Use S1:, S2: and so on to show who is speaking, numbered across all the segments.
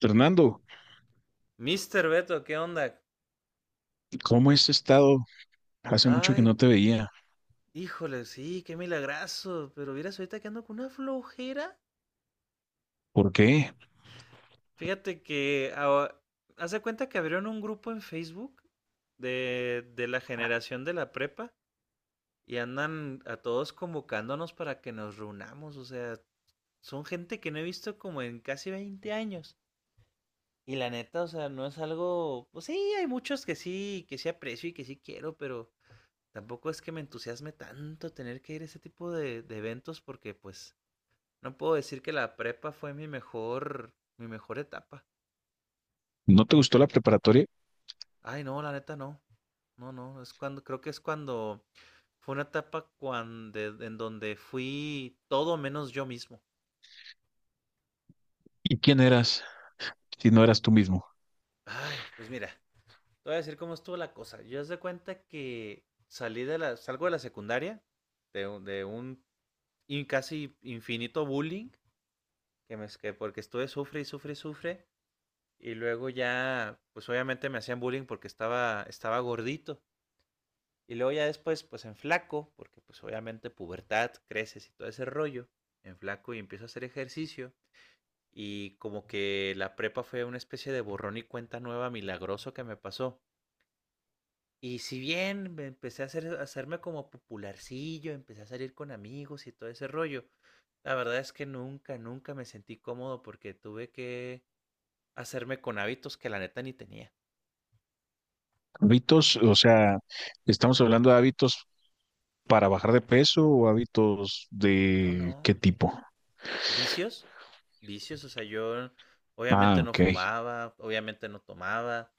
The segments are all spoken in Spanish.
S1: Fernando,
S2: Mister Beto, ¿qué onda?
S1: ¿cómo has estado? Hace mucho que
S2: Ay,
S1: no te veía.
S2: híjole, sí, qué milagrazo. Pero vieras ahorita que ando con una flojera.
S1: ¿Por qué?
S2: Fíjate que ahora- Haz de cuenta que abrieron un grupo en Facebook de la generación de la prepa y andan a todos convocándonos para que nos reunamos. O sea, son gente que no he visto como en casi 20 años. Y la neta, o sea, no es algo. Pues sí, hay muchos que sí aprecio y que sí quiero, pero tampoco es que me entusiasme tanto tener que ir a ese tipo de eventos porque pues no puedo decir que la prepa fue mi mejor etapa.
S1: ¿No te gustó la preparatoria?
S2: Ay, no, la neta no. No, no, es cuando, creo que es cuando fue una etapa cuando, en donde fui todo menos yo mismo.
S1: ¿Y quién eras si no eras tú mismo?
S2: Ay, pues mira, te voy a decir cómo estuvo la cosa. Yo haz de cuenta que salgo de la secundaria, de un casi infinito bullying, que porque estuve sufre y sufre y sufre. Y luego ya, pues obviamente me hacían bullying porque estaba gordito. Y luego ya después, pues en flaco, porque pues obviamente pubertad, creces y todo ese rollo. En flaco y empiezo a hacer ejercicio. Y como que la prepa fue una especie de borrón y cuenta nueva milagroso que me pasó. Y si bien me empecé a, hacer, a hacerme como popularcillo, empecé a salir con amigos y todo ese rollo, la verdad es que nunca, nunca me sentí cómodo porque tuve que hacerme con hábitos que la neta ni tenía.
S1: Hábitos, o sea, estamos hablando de hábitos para bajar de peso o ¿hábitos
S2: No,
S1: de qué
S2: no,
S1: tipo?
S2: vicios, vicios, o sea, yo
S1: Ah,
S2: obviamente no
S1: ok,
S2: fumaba, obviamente no tomaba,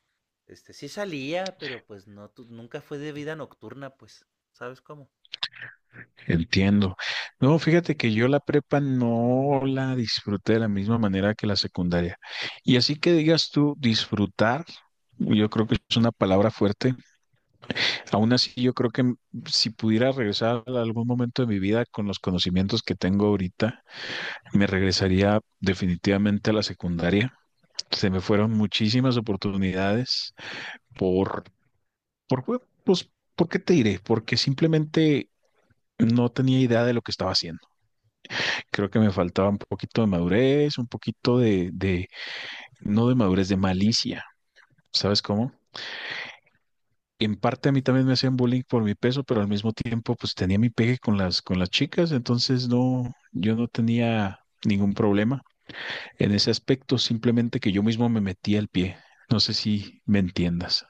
S2: sí salía, pero pues no, nunca fue de vida nocturna, pues, ¿sabes cómo?
S1: entiendo. No, fíjate que yo la prepa no la disfruté de la misma manera que la secundaria. Y así que digas tú, disfrutar, yo creo que es una palabra fuerte. Aún así, yo creo que si pudiera regresar a algún momento de mi vida con los conocimientos que tengo ahorita, me regresaría definitivamente a la secundaria. Se me fueron muchísimas oportunidades por, pues, ¿por qué te diré? Porque simplemente no tenía idea de lo que estaba haciendo. Creo que me faltaba un poquito de madurez, un poquito de no de madurez, de malicia. ¿Sabes cómo? En parte a mí también me hacían bullying por mi peso, pero al mismo tiempo pues tenía mi pegue con las chicas, entonces no, yo no tenía ningún problema en ese aspecto, simplemente que yo mismo me metía el pie. No sé si me entiendas.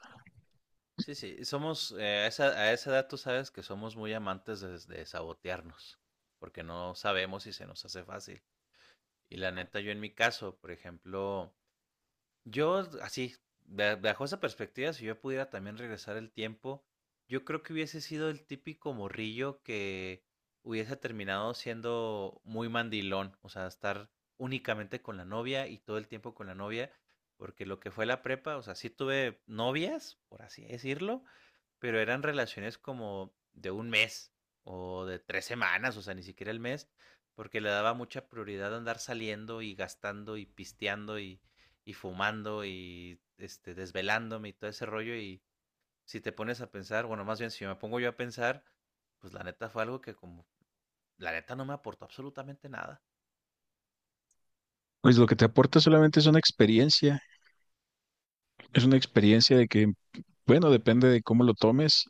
S2: Sí, sí, somos, a esa edad tú sabes que somos muy amantes de sabotearnos, porque no sabemos si se nos hace fácil. Y la neta, yo en mi caso, por ejemplo, yo, así, bajo esa perspectiva, si yo pudiera también regresar el tiempo, yo creo que hubiese sido el típico morrillo que hubiese terminado siendo muy mandilón, o sea, estar únicamente con la novia y todo el tiempo con la novia, porque lo que fue la prepa, o sea, sí tuve novias, por así decirlo, pero eran relaciones como de 1 mes o de 3 semanas, o sea, ni siquiera el mes, porque le daba mucha prioridad a andar saliendo y gastando y pisteando y fumando y desvelándome y todo ese rollo. Y si te pones a pensar, bueno, más bien si me pongo yo a pensar, pues la neta fue algo que como, la neta no me aportó absolutamente nada.
S1: Pues lo que te aporta solamente es una experiencia de que, bueno, depende de cómo lo tomes.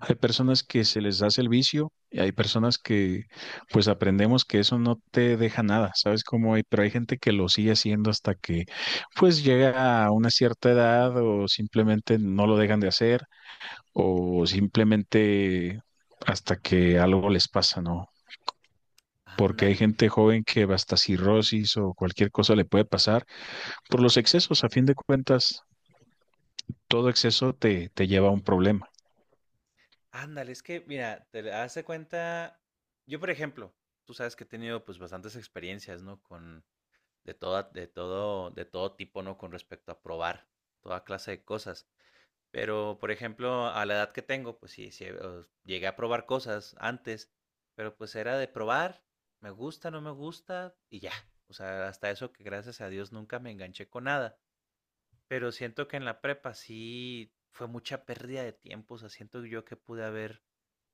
S1: Hay personas que se les hace el vicio y hay personas que pues aprendemos que eso no te deja nada, ¿sabes cómo hay? Pero hay gente que lo sigue haciendo hasta que pues llega a una cierta edad o simplemente no lo dejan de hacer o simplemente hasta que algo les pasa, ¿no? Porque hay
S2: Ándale,
S1: gente joven que hasta cirrosis o cualquier cosa le puede pasar por los excesos. A fin de cuentas, todo exceso te lleva a un problema.
S2: ándale, es que, mira, te hace cuenta, yo por ejemplo, tú sabes que he tenido pues bastantes experiencias, ¿no? Con de, toda, de todo tipo, ¿no? Con respecto a probar toda clase de cosas. Pero, por ejemplo, a la edad que tengo, pues sí, sí llegué a probar cosas antes, pero pues era de probar, me gusta, no me gusta y ya. O sea, hasta eso que gracias a Dios nunca me enganché con nada. Pero siento que en la prepa sí fue mucha pérdida de tiempo. O sea, siento yo que pude haber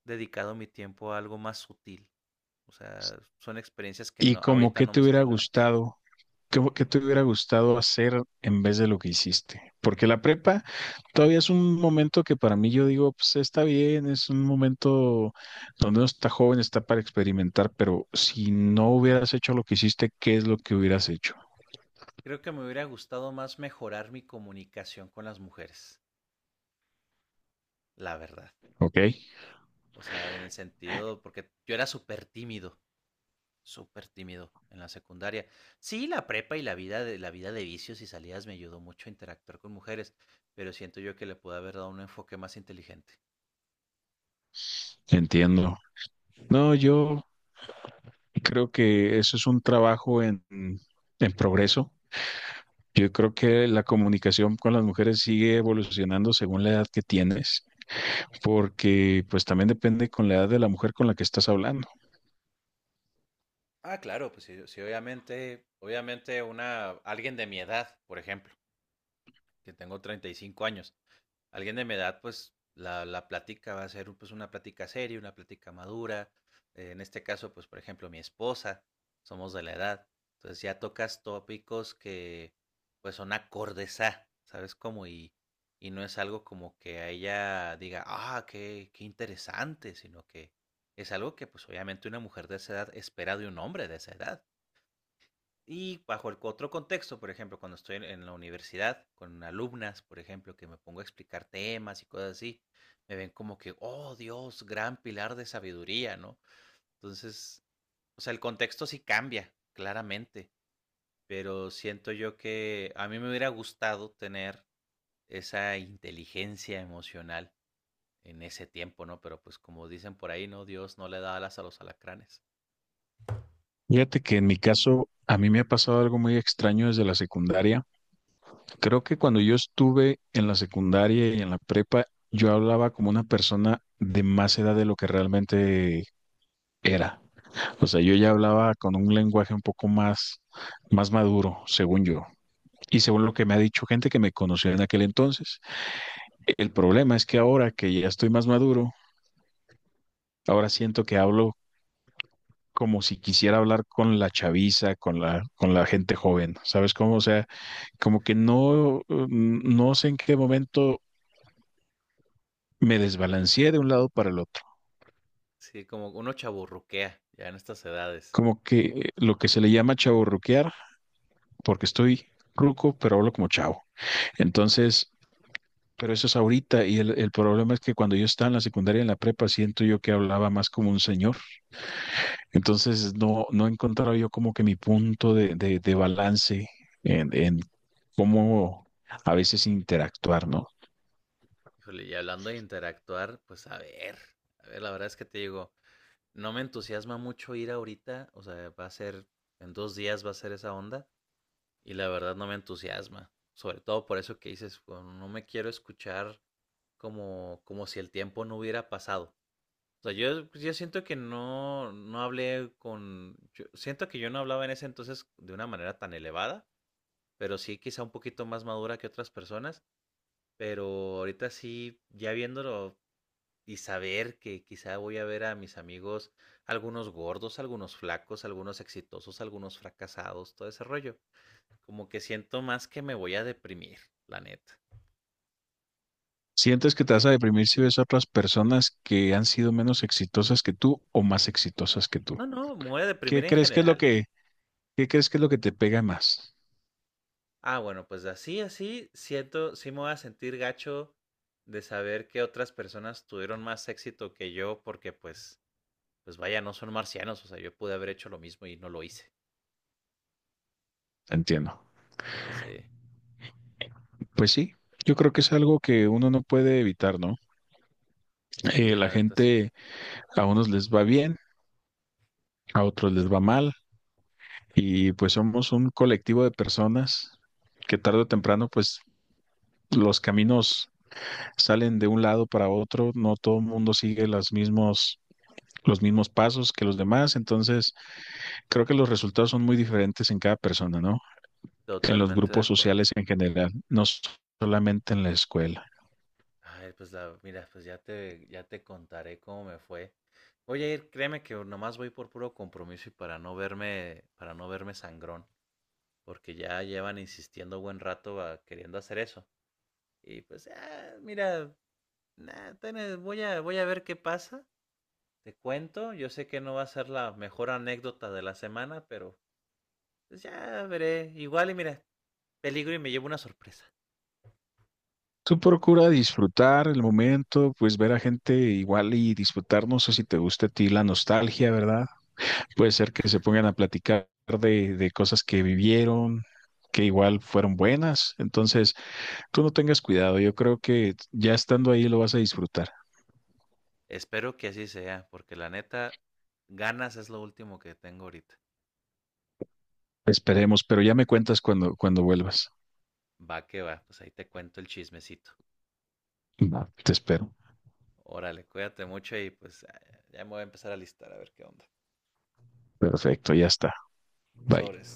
S2: dedicado mi tiempo a algo más sutil. O sea, son experiencias que
S1: ¿Y
S2: no,
S1: como
S2: ahorita
S1: que
S2: no
S1: te
S2: me son
S1: hubiera
S2: relevantes.
S1: gustado? ¿ Qué te hubiera gustado hacer en vez de lo que hiciste? Porque la prepa todavía es un momento que para mí yo digo, pues está bien, es un momento donde uno está joven, está para experimentar, pero si no hubieras hecho lo que hiciste, ¿qué es lo que hubieras hecho?
S2: Creo que me hubiera gustado más mejorar mi comunicación con las mujeres, la verdad.
S1: ¿Ok?
S2: O sea, en el sentido, porque yo era súper tímido en la secundaria. Sí, la prepa y la vida de vicios y salidas me ayudó mucho a interactuar con mujeres, pero siento yo que le pude haber dado un enfoque más inteligente.
S1: Entiendo. No, yo creo que eso es un trabajo en progreso. Yo creo que la comunicación con las mujeres sigue evolucionando según la edad que tienes, porque pues también depende con la edad de la mujer con la que estás hablando.
S2: Ah, claro, pues sí, sí, obviamente, obviamente una, alguien de mi edad, por ejemplo, que tengo 35 años. Alguien de mi edad, pues la plática va a ser pues una plática seria, una plática madura. En este caso, pues por ejemplo, mi esposa, somos de la edad. Entonces ya tocas tópicos que pues son acordes a, ¿sabes cómo? Y no es algo como que a ella diga, ah, qué interesante, sino que es algo que pues obviamente una mujer de esa edad espera de un hombre de esa edad. Y bajo el otro contexto, por ejemplo, cuando estoy en la universidad con alumnas, por ejemplo, que me pongo a explicar temas y cosas así, me ven como que, oh Dios, gran pilar de sabiduría, ¿no? Entonces, o sea, el contexto sí cambia, claramente, pero siento yo que a mí me hubiera gustado tener esa inteligencia emocional en ese tiempo, ¿no? Pero pues como dicen por ahí, ¿no? Dios no le da alas a los alacranes.
S1: Fíjate que en mi caso, a mí me ha pasado algo muy extraño desde la secundaria. Creo que cuando yo estuve en la secundaria y en la prepa, yo hablaba como una persona de más edad de lo que realmente era. O sea, yo ya hablaba con un lenguaje un poco más maduro, según yo, y según lo que me ha dicho gente que me conoció en aquel entonces. El problema es que ahora que ya estoy más maduro, ahora siento que hablo como si quisiera hablar con la chaviza, con la gente joven, ¿sabes cómo? O sea, como que no, no sé en qué momento me desbalanceé de un lado para el otro.
S2: Sí, como uno chaburruquea ya en estas edades.
S1: Como que lo que se le llama chaburruquear, porque estoy ruco, pero hablo como chavo. Entonces, pero eso es ahorita y el problema es que cuando yo estaba en la secundaria, en la prepa, siento yo que hablaba más como un señor. Entonces no, no he encontrado yo como que mi punto de balance en cómo a veces interactuar, ¿no?
S2: Híjole, y hablando de interactuar, pues a ver, la verdad es que te digo, no me entusiasma mucho ir ahorita, o sea, va a ser, en 2 días va a ser esa onda, y la verdad no me entusiasma, sobre todo por eso que dices, bueno, no me quiero escuchar como, como si el tiempo no hubiera pasado. O sea, yo siento que no, yo siento que yo no hablaba en ese entonces de una manera tan elevada, pero sí quizá un poquito más madura que otras personas, pero ahorita sí, ya viéndolo y saber que quizá voy a ver a mis amigos, algunos gordos, algunos flacos, algunos exitosos, algunos fracasados, todo ese rollo. Como que siento más que me voy a deprimir, la neta.
S1: ¿Sientes que te vas a deprimir si ves a otras personas que han sido menos exitosas que tú o más exitosas que tú?
S2: No, no, me voy a deprimir
S1: ¿Qué
S2: en
S1: crees que es lo
S2: general.
S1: que, qué crees que es lo que te pega más?
S2: Ah, bueno, pues así, así, siento, sí me voy a sentir gacho de saber que otras personas tuvieron más éxito que yo porque pues, pues vaya, no son marcianos, o sea, yo pude haber hecho lo mismo y no lo hice.
S1: Entiendo.
S2: Sí,
S1: Pues sí, yo creo que es algo que uno no puede evitar, ¿no?
S2: sí,
S1: La
S2: la neta sí.
S1: gente, a unos les va bien, a otros les va mal, y pues somos un colectivo de personas que tarde o temprano, pues los caminos salen de un lado para otro, no todo el mundo sigue los mismos pasos que los demás, entonces creo que los resultados son muy diferentes en cada persona, ¿no? En los
S2: Totalmente de
S1: grupos
S2: acuerdo.
S1: sociales en general, no solamente en la escuela.
S2: Ay, pues la, mira, pues ya te contaré cómo me fue. Voy a ir, créeme que nomás voy por puro compromiso y para no verme sangrón, porque ya llevan insistiendo buen rato queriendo hacer eso. Y pues, ah, mira, nah, voy a, voy a ver qué pasa. Te cuento, yo sé que no va a ser la mejor anécdota de la semana, pero pues ya veré. Igual y mira, peligro y me llevo una sorpresa.
S1: Tú procura disfrutar el momento, pues ver a gente igual y disfrutar, no sé si te gusta a ti la nostalgia, ¿verdad? Puede ser que se pongan a platicar de cosas que vivieron, que igual fueron buenas. Entonces, tú no tengas cuidado, yo creo que ya estando ahí lo vas a disfrutar.
S2: Espero que así sea, porque la neta, ganas es lo último que tengo ahorita.
S1: Esperemos, pero ya me cuentas cuando vuelvas.
S2: Va que va, pues ahí te cuento el chismecito.
S1: Va. Te espero.
S2: Órale, cuídate mucho y pues ya me voy a empezar a listar a ver qué onda.
S1: Perfecto, ya está. Bye.
S2: Sobres.